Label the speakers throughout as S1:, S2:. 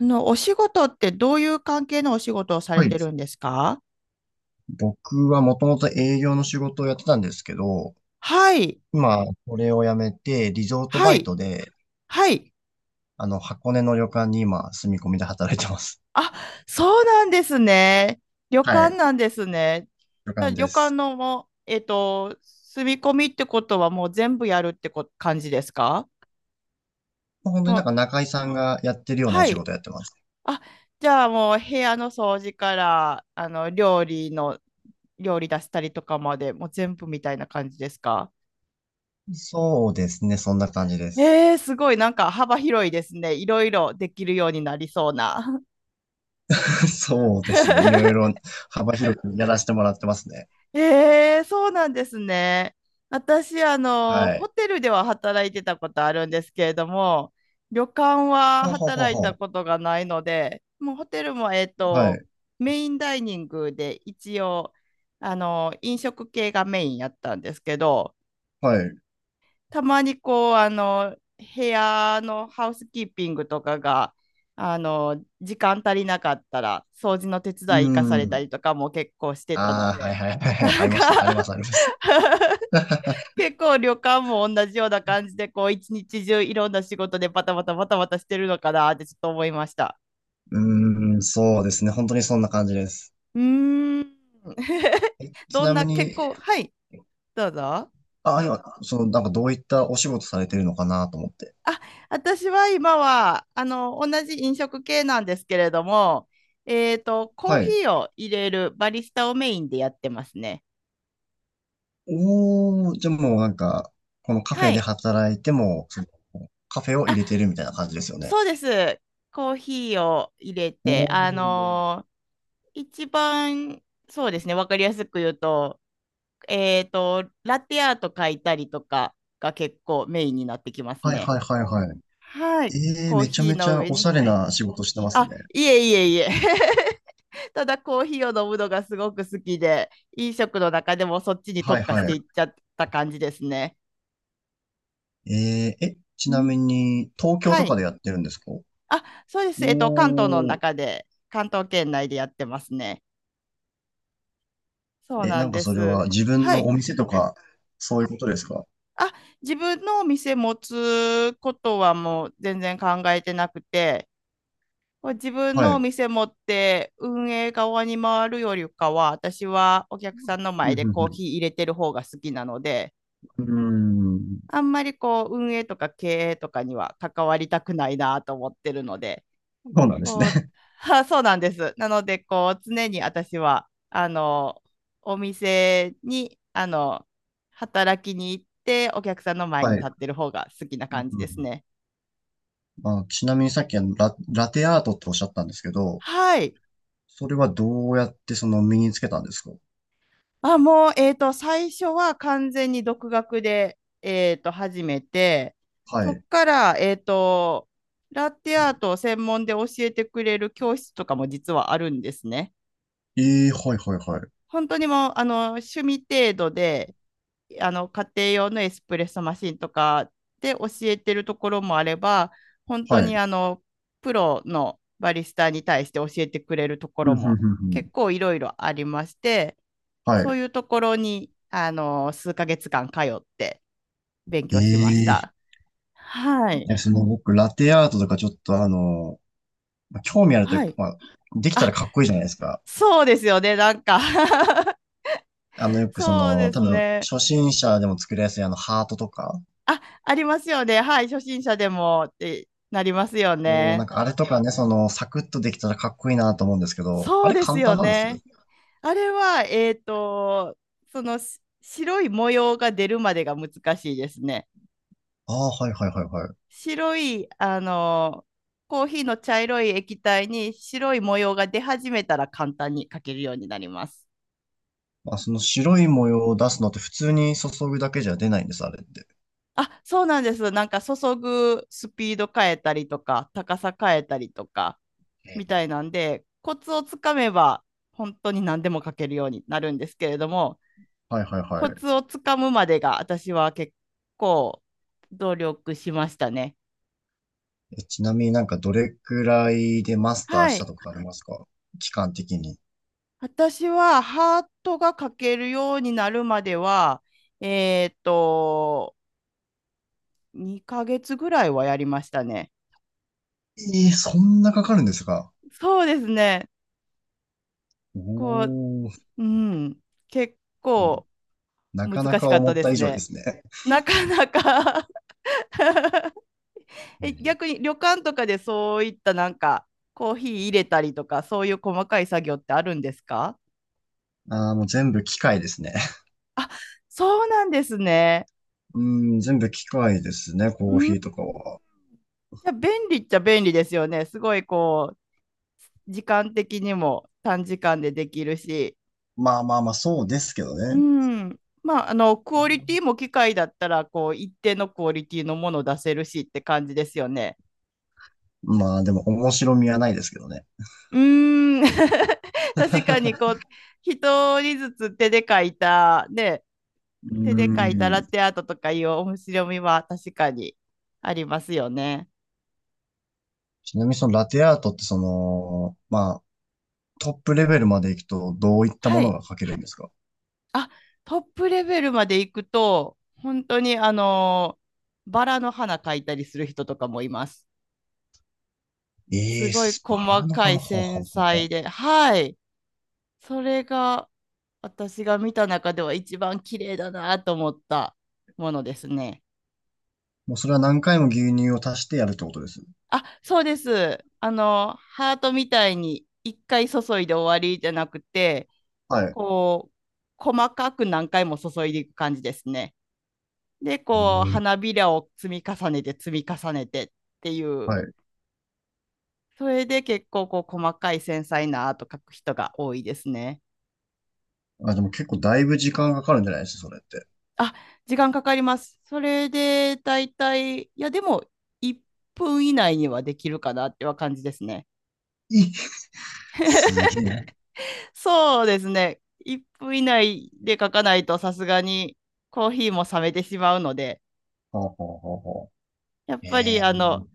S1: お仕事ってどういう関係のお仕事をされ
S2: はい。
S1: てるんですか？
S2: 僕はもともと営業の仕事をやってたんですけど、
S1: はい、
S2: 今、これを辞めて、リゾート
S1: は
S2: バイト
S1: い、
S2: で、
S1: はい。
S2: 箱根の旅館に今、住み込みで働いてます。
S1: あ、そうなんですね。旅
S2: は
S1: 館
S2: い。
S1: なんですね。
S2: 旅
S1: じゃあ
S2: 館
S1: 旅
S2: で
S1: 館
S2: す。
S1: のもう、住み込みってことはもう全部やるって感じですか？
S2: まあ本当に
S1: も
S2: なん
S1: う、
S2: か中井さんがやってるようなお
S1: は
S2: 仕
S1: い。
S2: 事やってます。
S1: あ、じゃあもう部屋の掃除から、料理の、料理出したりとかまで、もう全部みたいな感じですか？
S2: そうですね、そんな感じです。
S1: えー、すごい、なんか幅広いですね。いろいろできるようになりそうな。
S2: そうですね、いろ いろ幅広くやらせてもらってますね。
S1: えー、そうなんですね。私、
S2: は
S1: ホ
S2: い。
S1: テルでは働いてたことあるんですけれども、旅館は
S2: ほうほうほう
S1: 働いた
S2: ほ
S1: ことがないので、もうホテルも、
S2: う。はい、
S1: メインダイニングで一応、飲食系がメインやったんですけど、
S2: はい。う
S1: たまにこう部屋のハウスキーピングとかが時間足りなかったら掃除の手
S2: ー
S1: 伝い行かされた
S2: ん。
S1: りとかも結構してたの
S2: ああ、はい
S1: で、
S2: はいはいはい。
S1: な
S2: あ
S1: ん
S2: り
S1: か
S2: ました。ありま す、あります。
S1: 結構旅館も同じような感じでこう一日中いろんな仕事でバタバタしてるのかなってちょっと思いました。
S2: うーん、そうですね。本当にそんな感じです。
S1: うーん。
S2: え、ち
S1: どん
S2: なみ
S1: な結
S2: に、
S1: 構はい。どうぞ。
S2: あ、今、その、なんかどういったお仕事されてるのかなと思って。
S1: あ、私は今は、同じ飲食系なんですけれども、コー
S2: は
S1: ヒ
S2: い。
S1: ーを入れるバリスタをメインでやってますね。
S2: おー、じゃあもうなんか、このカフ
S1: は
S2: ェで
S1: い。
S2: 働いても、そのカフェを入れて
S1: あ、
S2: るみたいな感じですよね。
S1: そうです。コーヒーを入れ
S2: お
S1: て、
S2: ー、
S1: 一番、そうですね、わかりやすく言うと、ラテアート書いたりとかが結構メインになってきます
S2: はい
S1: ね。
S2: はいはいはい。
S1: はい。コー
S2: めちゃ
S1: ヒー
S2: めち
S1: の
S2: ゃ
S1: 上
S2: おしゃ
S1: に。
S2: れな仕事してます
S1: あ、
S2: ね。
S1: いえいえいえ。ただコーヒーを飲むのがすごく好きで、飲食の中でもそっちに
S2: は
S1: 特
S2: い
S1: 化し
S2: はい。
S1: ていっちゃった感じですね。
S2: え、ち
S1: う
S2: な
S1: ん。
S2: みに、東京
S1: は
S2: とか
S1: い。
S2: でやってるんですか？お
S1: あ、そうです。関東の
S2: ー、
S1: 中で、関東圏内でやってますね。そう
S2: え、
S1: な
S2: な
S1: ん
S2: んか
S1: で
S2: それ
S1: す。
S2: は自分
S1: は
S2: の
S1: い。
S2: お店とか、そういうことですか？
S1: あ、自分のお店持つことはもう全然考えてなくて、こう自分
S2: は
S1: のお
S2: い。
S1: 店持って運営側に回るよりかは、私はお客さんの
S2: う
S1: 前
S2: ん、
S1: で
S2: う
S1: コー
S2: ん、
S1: ヒー入れてる方が好きなので、
S2: うん。うー
S1: あんまりこう運営とか経営とかには関わりたくないなと思ってるので、
S2: ん。そうなんです
S1: こ
S2: ね。
S1: う、はあそうなんです。なので、こう、常に私は、お店に、働きに行って、お客さんの前に
S2: はい。
S1: 立ってる方が好きな
S2: うん、
S1: 感じ
S2: うん、う
S1: です
S2: ん。
S1: ね。
S2: まあ、ちなみにさっきあのラテアートっておっしゃったんですけど、
S1: はい。
S2: それはどうやってその身につけたんですか？
S1: あ、もう、最初は完全に独学で、始めて、
S2: は
S1: そっ
S2: い。
S1: から、ラテアートを専門で教えてくれる教室とかも実はあるんですね。
S2: ええ、はいはいはい。
S1: 本当にもう趣味程度で家庭用のエスプレッソマシンとかで教えてるところもあれば、本当
S2: は
S1: に
S2: い。
S1: プロのバリスタに対して教えてくれるとこ
S2: うん、
S1: ろ
S2: うん、
S1: も
S2: うん、うん。
S1: 結構いろいろありまして、
S2: は
S1: そ
S2: い。
S1: ういうところに数ヶ月間通って勉
S2: え
S1: 強しまし
S2: え、い
S1: た。はい、
S2: や、その僕、ラテアートとかちょっとまあ興味あるとい
S1: は
S2: うか、
S1: い、
S2: まあ、できたらかっこいいじゃないですか。
S1: そうですよね、なんか
S2: よく
S1: そうで
S2: 多
S1: す
S2: 分、
S1: ね。
S2: 初心者でも作りやすいあの、ハートとか、
S1: あ、ありますよね。はい。初心者でもってなりますよ
S2: もうな
S1: ね。
S2: んかあれとかね、サクッとできたらかっこいいなと思うんですけど、あ
S1: そう
S2: れ
S1: です
S2: 簡
S1: よ
S2: 単なんです？
S1: ね。あれは、そのし白い模様が出るまでが難しいですね。
S2: ああ、はいはいはいはい。
S1: 白い、コーヒーの茶色い液体に白い模様が出始めたら簡単にかけるようになります。
S2: まあ、その白い模様を出すのって普通に注ぐだけじゃ出ないんです、あれって。
S1: あ、そうなんです。なんか注ぐスピード変えたりとか、高さ変えたりとか、
S2: え
S1: みた
S2: ー
S1: いなんで、コツをつかめば本当に何でも書けるようになるんですけれども、
S2: はいはいは
S1: コ
S2: い。
S1: ツをつかむまでが私は結構努力しましたね。
S2: え、ちなみになんかどれくらいでマスター
S1: は
S2: した
S1: い。
S2: とかありますか？期間的に。
S1: 私はハートが書けるようになるまでは、えっと、2ヶ月ぐらいはやりましたね。
S2: そんなかかるんですか？
S1: そうですね。
S2: お
S1: こう、
S2: ー、
S1: うん、結
S2: な
S1: 構
S2: な
S1: 難
S2: かな
S1: し
S2: か
S1: かった
S2: 思っ
S1: で
S2: た
S1: す
S2: 以上で
S1: ね。
S2: すね。
S1: なかなか。
S2: え
S1: え、
S2: ー
S1: 逆に旅館とかでそういったなんかコーヒー入れたりとかそういう細かい作業ってあるんですか？
S2: ああ、もう全部機械ですね。
S1: あ、そうなんですね。
S2: うん、全部機械ですね、
S1: う
S2: コー
S1: ん、
S2: ヒー
S1: い
S2: とかは。
S1: や便利っちゃ便利ですよね。すごいこう時間的にも短時間でできるし。
S2: まあまあまあ、そうですけど
S1: う
S2: ね。
S1: ん、まあ、あのクオリティも機械だったらこう一定のクオリティのものを出せるしって感じですよね。
S2: まあでも面白みはないですけどね。
S1: うーん。 確かに こう一人ずつ手で書いたね、
S2: う
S1: 手で描いた
S2: ー
S1: ラ
S2: ん。
S1: テアートとかいう面白みは確かにありますよね。
S2: ちなみにそのラテアートってまあトップレベルまで行くとどういった
S1: は
S2: もの
S1: い。
S2: が描けるんですか？
S1: あ、トップレベルまで行くと、本当にバラの花描いたりする人とかもいます。
S2: え
S1: す
S2: え、
S1: ごい
S2: スバ
S1: 細
S2: ラの
S1: かい
S2: 花、ほうほ
S1: 繊
S2: うほうほ
S1: 細
S2: う。
S1: で、はい。それが私が見た中では一番綺麗だなと思ったものですね。
S2: もうそれは何回も牛乳を足してやるってことです？
S1: あ、そうです。ハートみたいに一回注いで終わりじゃなくて、
S2: はい。
S1: こう、細かく何回も注いでいく感じですね。で、
S2: う
S1: こう、
S2: ん、
S1: 花びらを積み重ねて積み重ねてっていう、
S2: はい。
S1: それで結構こう、細かい繊細なアート描く人が多いですね。
S2: あ、でも結構だいぶ時間かかるんじゃないですか、それって。
S1: あ、時間かかります。それで、だいたい、いや、でも、1分以内にはできるかなっては感じですね。
S2: いすげえ。
S1: そうですね。1分以内で書かないとさすがにコーヒーも冷めてしまうので、
S2: ほうほうほうほ
S1: やっ
S2: う。え
S1: ぱり
S2: えー、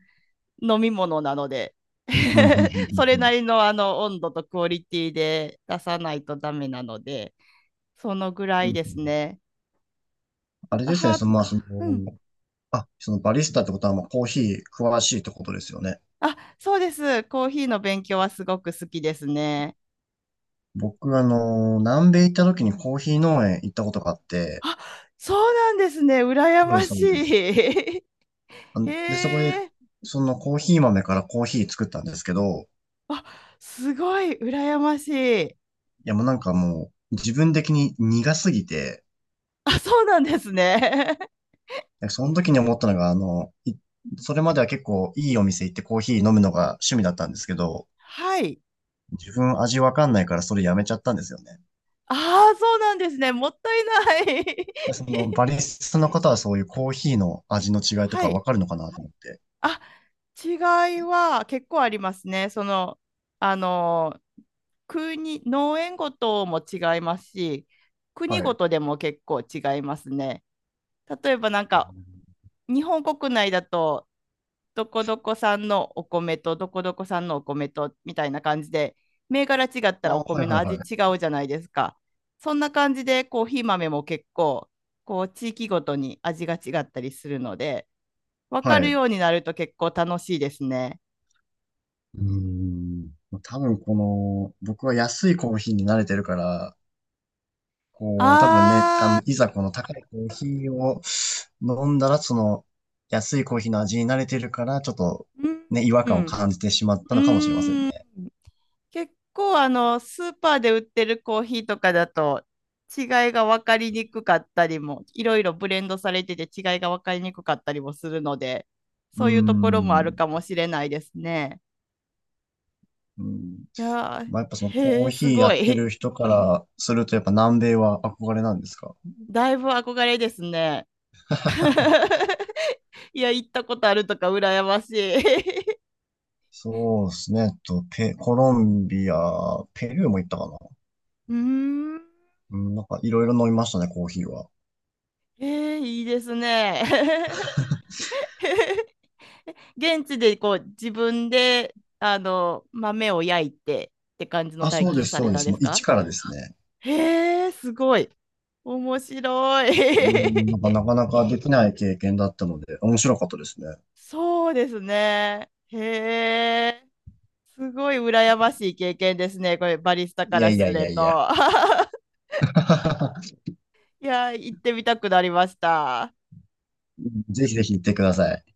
S1: 飲み物なので
S2: うん、うん、うん、う
S1: それな
S2: ん。
S1: りの温度とクオリティで出さないとダメなので、そのぐら
S2: うん
S1: い
S2: うん。
S1: ですね。ちょ
S2: あ
S1: っ
S2: れ
S1: と
S2: ですね、
S1: は、
S2: まあ、
S1: うん。
S2: あ、そのバリスタってことはもうコーヒー詳しいってことですよね。
S1: あ、そうです。コーヒーの勉強はすごく好きですね。
S2: 僕、南米行った時にコーヒー農園行ったことがあって、
S1: あ、そうなんですね。羨
S2: そうで
S1: ま
S2: す、
S1: し
S2: そ
S1: い。
S2: うです。あの
S1: へ
S2: で、そこで、
S1: え。
S2: そのコーヒー豆からコーヒー作ったんですけど、
S1: あ、すごい羨ましい。
S2: いやもうなんかもう、自分的に苦すぎて、
S1: あ、そうなんですね。
S2: その時に思ったのが、それまでは結構いいお店行ってコーヒー飲むのが趣味だったんですけど、
S1: はい。
S2: 自分味わかんないからそれやめちゃったんですよね。
S1: ああ、そうなんですね。もったいない。
S2: でその バリスタの方はそういうコーヒーの味の違いと
S1: は
S2: かわ
S1: い。
S2: かるのかなと思って。
S1: あ、違いは結構ありますね。その、あの、国、農園ごとも違いますし、国
S2: は
S1: ご
S2: い。
S1: とでも結構違いますね。例えばなんか、日本国内だと、どこどこ産のお米とどこどこ産のお米とみたいな感じで、銘柄違った
S2: あ
S1: らお
S2: あ、はい
S1: 米
S2: は
S1: の
S2: い
S1: 味
S2: は
S1: 違
S2: い。
S1: うじゃないですか。そんな感じでコーヒー豆も結構、こう、地域ごとに味が違ったりするので、分か
S2: はい。
S1: る
S2: う
S1: ようになると結構楽しいですね。
S2: ーん。多分この、僕は安いコーヒーに慣れてるから、こう、多分ね、
S1: あー、
S2: いざこの高いコーヒーを飲んだら、その、安いコーヒーの味に慣れてるから、ちょっと、ね、違和
S1: う
S2: 感を
S1: ん。
S2: 感じてしまった
S1: う
S2: のかもしれません
S1: ん。
S2: ね。
S1: 結構あの、スーパーで売ってるコーヒーとかだと違いが分かりにくかったりも、いろいろブレンドされてて違いが分かりにくかったりもするので、
S2: うー
S1: そういうところもある
S2: ん。
S1: かもしれないですね。
S2: うん。
S1: いやー、
S2: まあ、やっぱその
S1: へ
S2: コー
S1: え、
S2: ヒ
S1: す
S2: ーや
S1: ご
S2: って
S1: い。
S2: る人からすると、やっぱ南米は憧れなんですか？
S1: だいぶ憧れですね。いや、行ったことあるとか羨ましい。
S2: そうですね。コロンビア、ペルーも行ったかな。
S1: うーん。
S2: うん、なんかいろいろ飲みましたね、コーヒーは。
S1: えー、いいですね。現地でこう自分で豆を焼いてって感じの
S2: あ、
S1: 体
S2: そうで
S1: 験
S2: す、
S1: さ
S2: そ
S1: れ
S2: うで
S1: たん
S2: す。
S1: で
S2: もう
S1: す
S2: 一
S1: か？
S2: からですね。
S1: へえ、すごい。面白い。
S2: うん、なんかなかなかできない経験だったので、面白かったですね。
S1: そうですね。へえ、すごい羨ましい経験ですね。これ、バリスタ
S2: い
S1: か
S2: や
S1: ら
S2: いや
S1: す
S2: いや
S1: る
S2: いや。
S1: と。いやー、行ってみたくなりました。
S2: ぜひぜひ行ってください。